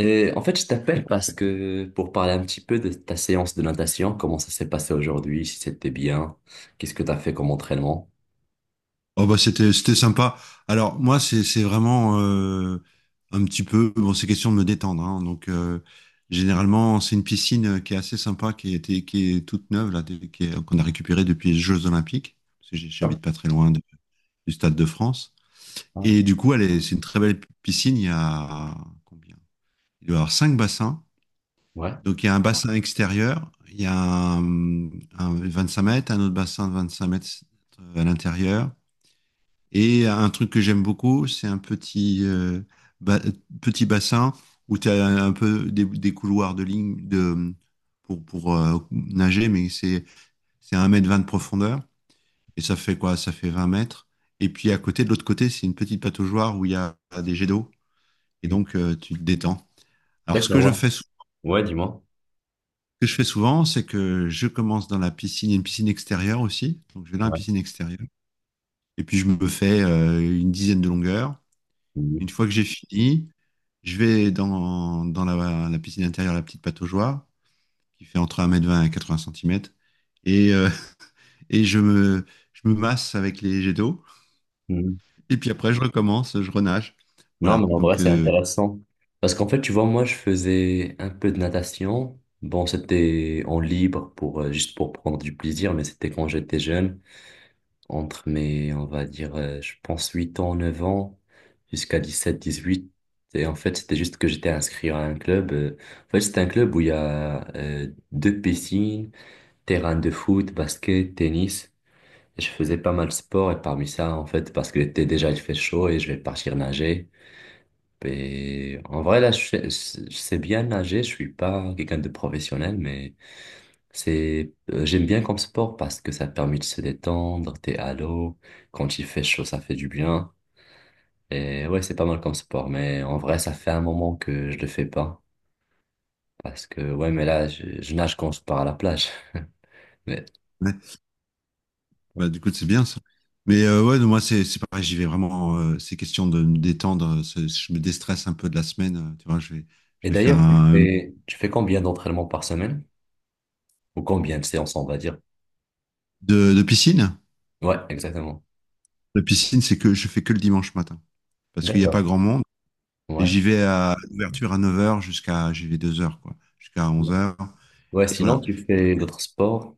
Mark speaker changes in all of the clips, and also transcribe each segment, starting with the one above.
Speaker 1: Et en fait, je t'appelle parce que pour parler un petit peu de ta séance de natation, comment ça s'est passé aujourd'hui, si c'était bien, qu'est-ce que tu as fait comme entraînement?
Speaker 2: Oh bah c'était sympa. Alors moi c'est vraiment un petit peu, bon c'est question de me détendre hein. Donc généralement c'est une piscine qui est assez sympa, qui est toute neuve là, qu'on a récupérée depuis les Jeux Olympiques, parce que
Speaker 1: Ah,
Speaker 2: j'habite pas très loin du Stade de France.
Speaker 1: ah,
Speaker 2: Et du coup, elle est c'est une très belle piscine. Il y a combien? Il doit y avoir cinq bassins.
Speaker 1: ouais.
Speaker 2: Donc il y a un bassin extérieur, il y a un, un 5 mètres, un autre bassin de 25 mètres à l'intérieur. Et un truc que j'aime beaucoup, c'est un petit, ba- petit bassin où tu as un peu des couloirs de ligne pour nager, mais c'est 1 m 20 de profondeur. Et ça fait quoi? Ça fait 20 mètres. Et puis à côté, de l'autre côté, c'est une petite pataugeoire où il y a des jets d'eau. Et
Speaker 1: Mm.
Speaker 2: donc, tu te détends. Alors,
Speaker 1: D'accord, ouais. Ouais, dis-moi.
Speaker 2: ce que je fais souvent, c'est que je commence dans la piscine, il y a une piscine extérieure aussi. Donc, je vais dans la
Speaker 1: Ouais.
Speaker 2: piscine extérieure. Et puis, je me fais une dizaine de longueurs. Une
Speaker 1: Mm.
Speaker 2: fois que j'ai fini, je vais dans la piscine intérieure, la petite pataugeoire, qui fait entre 1 m 20 et 80 centimètres. Et, et je me masse avec les jets d'eau.
Speaker 1: Mm.
Speaker 2: Et puis après, je recommence, je renage.
Speaker 1: Non,
Speaker 2: Voilà.
Speaker 1: mais en vrai,
Speaker 2: Donc,
Speaker 1: c'est intéressant. Parce qu'en fait, tu vois, moi, je faisais un peu de natation. Bon, c'était en libre pour, juste pour prendre du plaisir, mais c'était quand j'étais jeune. Entre mes, on va dire, je pense 8 ans, 9 ans, jusqu'à 17 18. Et en fait, c'était juste que j'étais inscrit à un club. En fait, c'est un club où il y a deux piscines, terrain de foot, basket, tennis. Et je faisais pas mal de sport et parmi ça, en fait, parce que l'été déjà, il fait chaud et je vais partir nager. Et en vrai, là, je sais bien nager. Je suis pas quelqu'un de professionnel, mais c'est, j'aime bien comme sport parce que ça permet de se détendre, t'es à l'eau, quand il fait chaud, ça fait du bien. Et ouais, c'est pas mal comme sport, mais en vrai, ça fait un moment que je le fais pas. Parce que, ouais, mais là, je nage quand je pars à la plage. Mais...
Speaker 2: ouais. Bah, du coup, c'est bien ça. Mais ouais, non, moi, c'est pareil, j'y vais vraiment. C'est question de me détendre. Je me déstresse un peu de la semaine. Tu vois, je
Speaker 1: Et
Speaker 2: vais faire
Speaker 1: d'ailleurs,
Speaker 2: un.
Speaker 1: tu fais combien d'entraînements par semaine? Ou combien de séances, on va dire?
Speaker 2: De piscine.
Speaker 1: Ouais, exactement.
Speaker 2: La piscine, c'est que je fais que le dimanche matin. Parce qu'il n'y a pas
Speaker 1: D'accord.
Speaker 2: grand monde. Et
Speaker 1: Ouais.
Speaker 2: j'y vais à l'ouverture à 9 heures, j'y vais 2 heures quoi, jusqu'à 11 heures.
Speaker 1: Ouais,
Speaker 2: Et
Speaker 1: sinon,
Speaker 2: voilà.
Speaker 1: tu
Speaker 2: Et
Speaker 1: fais d'autres sports?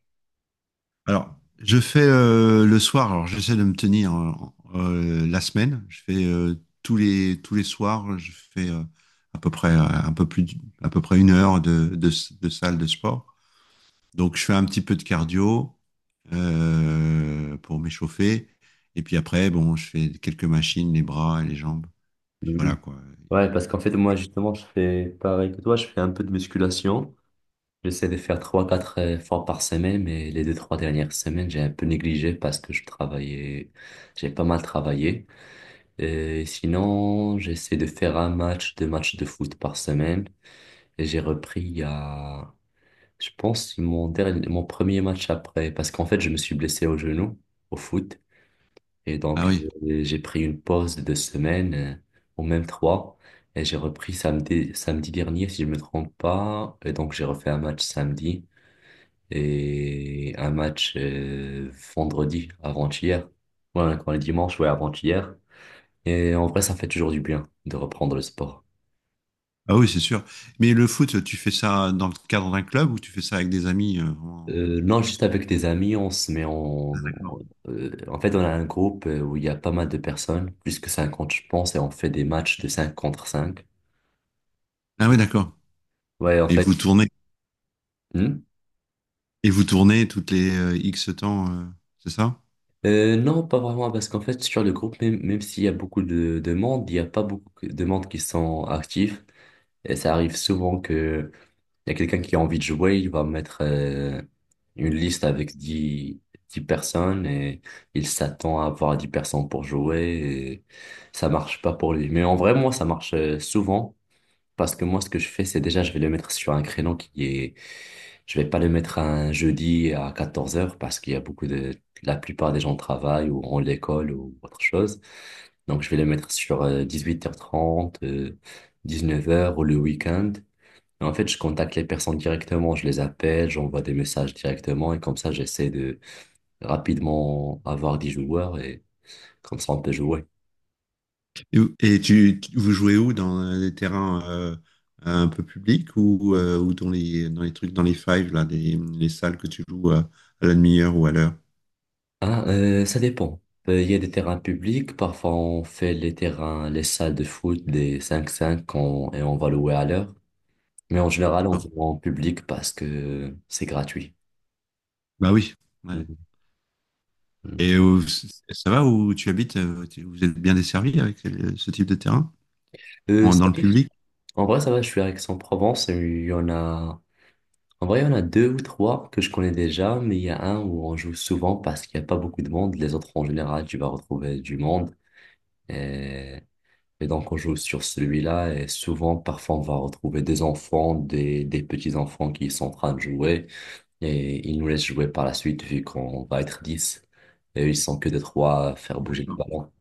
Speaker 2: Alors, je fais le soir, alors j'essaie de me tenir la semaine. Je fais tous les soirs, je fais à peu près, un peu plus, d- à peu près 1 heure de salle de sport. Donc, je fais un petit peu de cardio pour m'échauffer. Et puis après, bon, je fais quelques machines, les bras et les jambes. Puis voilà,
Speaker 1: Mhm.
Speaker 2: quoi.
Speaker 1: Ouais, parce qu'en fait, moi, justement, je fais pareil que toi, je fais un peu de musculation. J'essaie de faire trois, quatre fois par semaine, mais les deux, trois dernières semaines, j'ai un peu négligé parce que je travaillais, j'ai pas mal travaillé. Et sinon, j'essaie de faire un match, deux matchs de foot par semaine. Et j'ai repris il y a, je pense, mon dernier, mon premier match après, parce qu'en fait, je me suis blessé au genou, au foot. Et
Speaker 2: Ah
Speaker 1: donc,
Speaker 2: oui.
Speaker 1: j'ai pris une pause de 2 semaines, ou même trois. Et j'ai repris samedi, samedi dernier, si je me trompe pas. Et donc, j'ai refait un match samedi et un match vendredi avant-hier. Ouais, quand on est dimanche, ouais, avant-hier. Et en vrai, ça fait toujours du bien de reprendre le sport.
Speaker 2: Ah oui, c'est sûr. Mais le foot, tu fais ça dans le cadre d'un club ou tu fais ça avec des amis
Speaker 1: Non, juste avec des amis, on se met
Speaker 2: D'accord.
Speaker 1: en fait, on a un groupe où il y a pas mal de personnes, plus que 50, je pense, et on fait des matchs de 5 contre cinq.
Speaker 2: Ah oui, d'accord.
Speaker 1: Ouais, en
Speaker 2: Et
Speaker 1: fait.
Speaker 2: vous tournez,
Speaker 1: Hmm.
Speaker 2: et vous tournez toutes les X temps, c'est ça?
Speaker 1: Non, pas vraiment, parce qu'en fait, sur le groupe, même s'il y a beaucoup de monde, il n'y a pas beaucoup de monde qui sont actifs. Et ça arrive souvent que il y a quelqu'un qui a envie de jouer, il va mettre une liste avec dix personnes et il s'attend à avoir 10 personnes pour jouer et ça marche pas pour lui. Mais en vrai, moi, ça marche souvent parce que moi, ce que je fais, c'est déjà, je vais le mettre sur un créneau qui est... Je vais pas le mettre un jeudi à 14h parce qu'il y a beaucoup de... La plupart des gens travaillent ou ont l'école ou autre chose. Donc, je vais le mettre sur 18h30 19h ou le week-end. Mais en fait, je contacte les personnes directement, je les appelle, j'envoie des messages directement et comme ça, j'essaie de rapidement avoir des joueurs et comme ça, on peut jouer.
Speaker 2: Vous jouez où? Dans des terrains un peu publics, ou dans les trucs, dans les fives, là, les salles que tu joues à la demi-heure ou à l'heure?
Speaker 1: Ah, ça dépend. Il y a des terrains publics, parfois on fait les terrains, les salles de foot, des cinq cinq et on va louer à l'heure. Mais en général, on
Speaker 2: D'accord.
Speaker 1: joue en public parce que c'est gratuit.
Speaker 2: Bah oui. Ouais.
Speaker 1: Mhm.
Speaker 2: Et ça va où tu habites? Vous êtes bien desservi avec ce type de terrain?
Speaker 1: Euh,
Speaker 2: En-
Speaker 1: ça-
Speaker 2: dans le public?
Speaker 1: en vrai, ça va, je suis à Aix-en-Provence et il y en a. En vrai, il y en a deux ou trois que je connais déjà, mais il y a un où on joue souvent parce qu'il n'y a pas beaucoup de monde. Les autres, en général, tu vas retrouver du monde. Et, et donc, on joue sur celui-là. Et souvent, parfois, on va retrouver des enfants, des petits-enfants qui sont en train de jouer. Et ils nous laissent jouer par la suite vu qu'on va être 10. Et eux, ils sont que des trois à faire bouger le
Speaker 2: D'accord.
Speaker 1: ballon.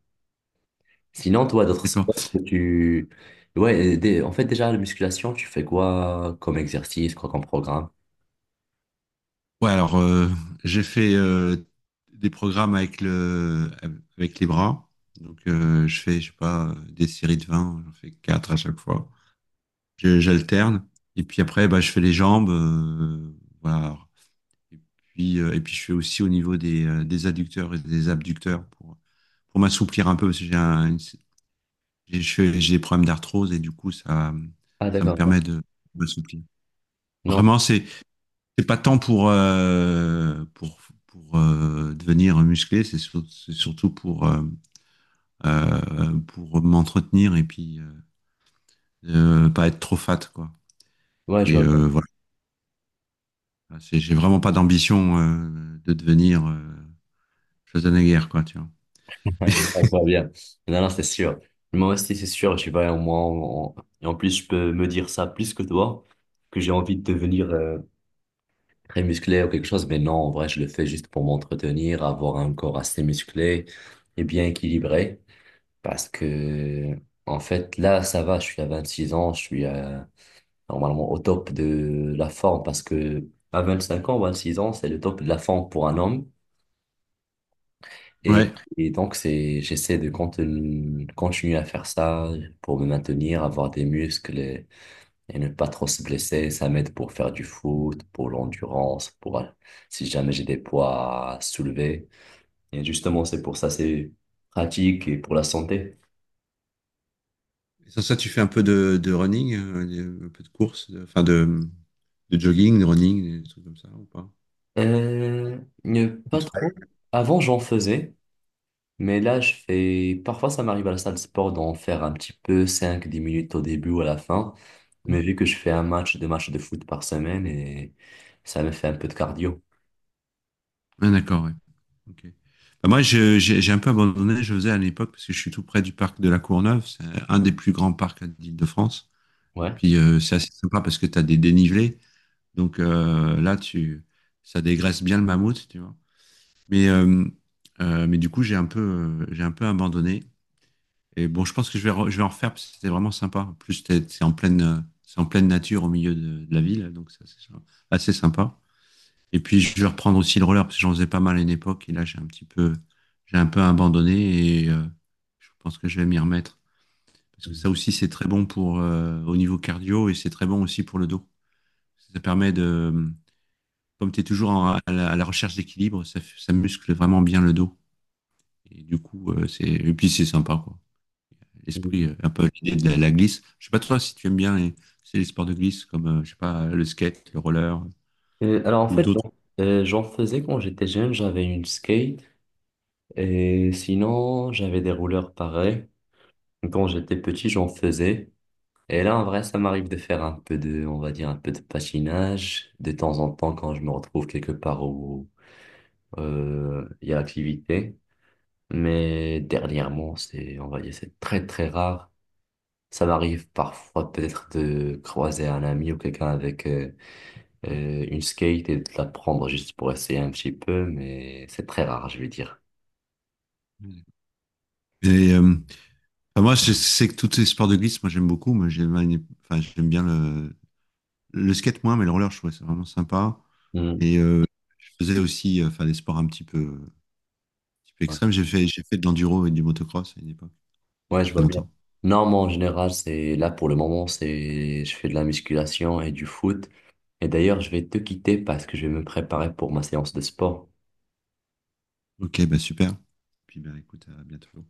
Speaker 1: Sinon, toi, d'autres sports
Speaker 2: D'accord.
Speaker 1: que tu... Ouais, en fait, déjà, la musculation, tu fais quoi comme exercice, quoi comme programme?
Speaker 2: Ouais, alors j'ai fait des programmes avec les bras. Donc je fais, je sais pas, des séries de 20, j'en fais 4 à chaque fois. J'alterne. Et puis après, bah, je fais les jambes. Voilà. Et et puis je fais aussi au niveau des adducteurs et des abducteurs pour m'assouplir un peu, parce que j'ai un, une- j'ai je fais- j'ai des problèmes d'arthrose. Et du coup, ça,
Speaker 1: Ah,
Speaker 2: ça me
Speaker 1: d'accord.
Speaker 2: permet de m'assouplir.
Speaker 1: Non.
Speaker 2: Vraiment, c'est pas tant pour devenir musclé, c'est surtout pour m'entretenir, et puis pas être trop fat quoi.
Speaker 1: Ouais, je
Speaker 2: Et
Speaker 1: vois.
Speaker 2: voilà. J'ai vraiment pas d'ambition de devenir Schwarzenegger quoi, tu vois.
Speaker 1: Ouais, non, pas bien. Non, non, c'est sûr. Moi aussi, c'est sûr, tu vas au moins. Et en plus, je peux me dire ça plus que toi, que j'ai envie de devenir très musclé ou quelque chose. Mais non, en vrai, je le fais juste pour m'entretenir, avoir un corps assez musclé et bien équilibré. Parce que, en fait, là, ça va, je suis à 26 ans, je suis normalement au top de la forme. Parce que à 25 ans, 26 ans, c'est le top de la forme pour un homme. Et,
Speaker 2: Ouais.
Speaker 1: et donc, c'est, j'essaie de continuer à faire ça pour me maintenir, avoir des muscles et ne pas trop se blesser. Ça m'aide pour faire du foot, pour l'endurance, pour si jamais j'ai des poids à soulever. Et justement, c'est pour ça, c'est pratique et pour la santé.
Speaker 2: Et sans ça, tu fais un peu de running, un peu de course, enfin de jogging, de running, des trucs comme ça ou pas?
Speaker 1: Ne
Speaker 2: Du
Speaker 1: pas
Speaker 2: trail.
Speaker 1: trop. Avant, j'en faisais, mais là, je fais. Parfois, ça m'arrive à la salle de sport d'en faire un petit peu, cinq dix minutes au début ou à la fin. Mais vu que je fais un match, deux matchs de foot par semaine et ça me fait un peu de cardio.
Speaker 2: Ah, d'accord. Ouais. Ok. Bah, moi, j'ai un peu abandonné, je faisais à l'époque, parce que je suis tout près du parc de la Courneuve. C'est un des plus grands parcs d'Île-de-France. Et
Speaker 1: Ouais.
Speaker 2: puis, c'est assez sympa parce que tu as des dénivelés. Donc ça dégraisse bien le mammouth, tu vois. Mais, euh, mais du coup, j'ai un peu abandonné. Et bon, je pense que je vais en refaire, parce que c'était vraiment sympa. En plus, c'est en pleine nature au milieu de la ville. Donc, c'est assez sympa. Et puis, je vais reprendre aussi le roller, parce que j'en faisais pas mal à une époque, et là, j'ai un peu abandonné, et je pense que je vais m'y remettre. Parce que ça aussi, c'est très bon pour, au niveau cardio, et c'est très bon aussi pour le dos. Ça permet de, comme tu es toujours à la recherche d'équilibre, ça muscle vraiment bien le dos. Et du coup, et puis c'est sympa, quoi. L'esprit,
Speaker 1: Mhm.
Speaker 2: un peu l'idée de la glisse. Je sais pas toi si tu aimes bien c'est les sports de glisse, comme, je sais pas, le skate, le roller,
Speaker 1: Alors en
Speaker 2: ou
Speaker 1: fait,
Speaker 2: d'autres.
Speaker 1: j'en faisais quand j'étais jeune, j'avais une skate et sinon j'avais des rouleurs pareils. Quand j'étais petit, j'en faisais. Et là, en vrai, ça m'arrive de faire un peu de, on va dire, un peu de patinage de temps en temps quand je me retrouve quelque part où il y a activité. Mais dernièrement, c'est, on va dire, c'est très très rare. Ça m'arrive parfois peut-être de croiser un ami ou quelqu'un avec une skate et de la prendre juste pour essayer un petit peu, mais c'est très rare, je vais dire.
Speaker 2: Et, euh, Enfin, moi, je sais que tous les sports de glisse, moi, j'aime beaucoup. Enfin, j'aime bien le skate, moins, mais le roller, je trouvais ça vraiment sympa.
Speaker 1: Hmm.
Speaker 2: Et je faisais aussi enfin, des sports un petit peu
Speaker 1: Ouais.
Speaker 2: extrêmes. J'ai fait de l'enduro et du motocross à une époque, il y a
Speaker 1: Ouais, je
Speaker 2: très
Speaker 1: vois bien.
Speaker 2: longtemps.
Speaker 1: Non, moi en général, c'est là pour le moment, c'est je fais de la musculation et du foot. Et d'ailleurs, je vais te quitter parce que je vais me préparer pour ma séance de sport.
Speaker 2: Ok, bah super. Puis, bah, écoute, à bientôt.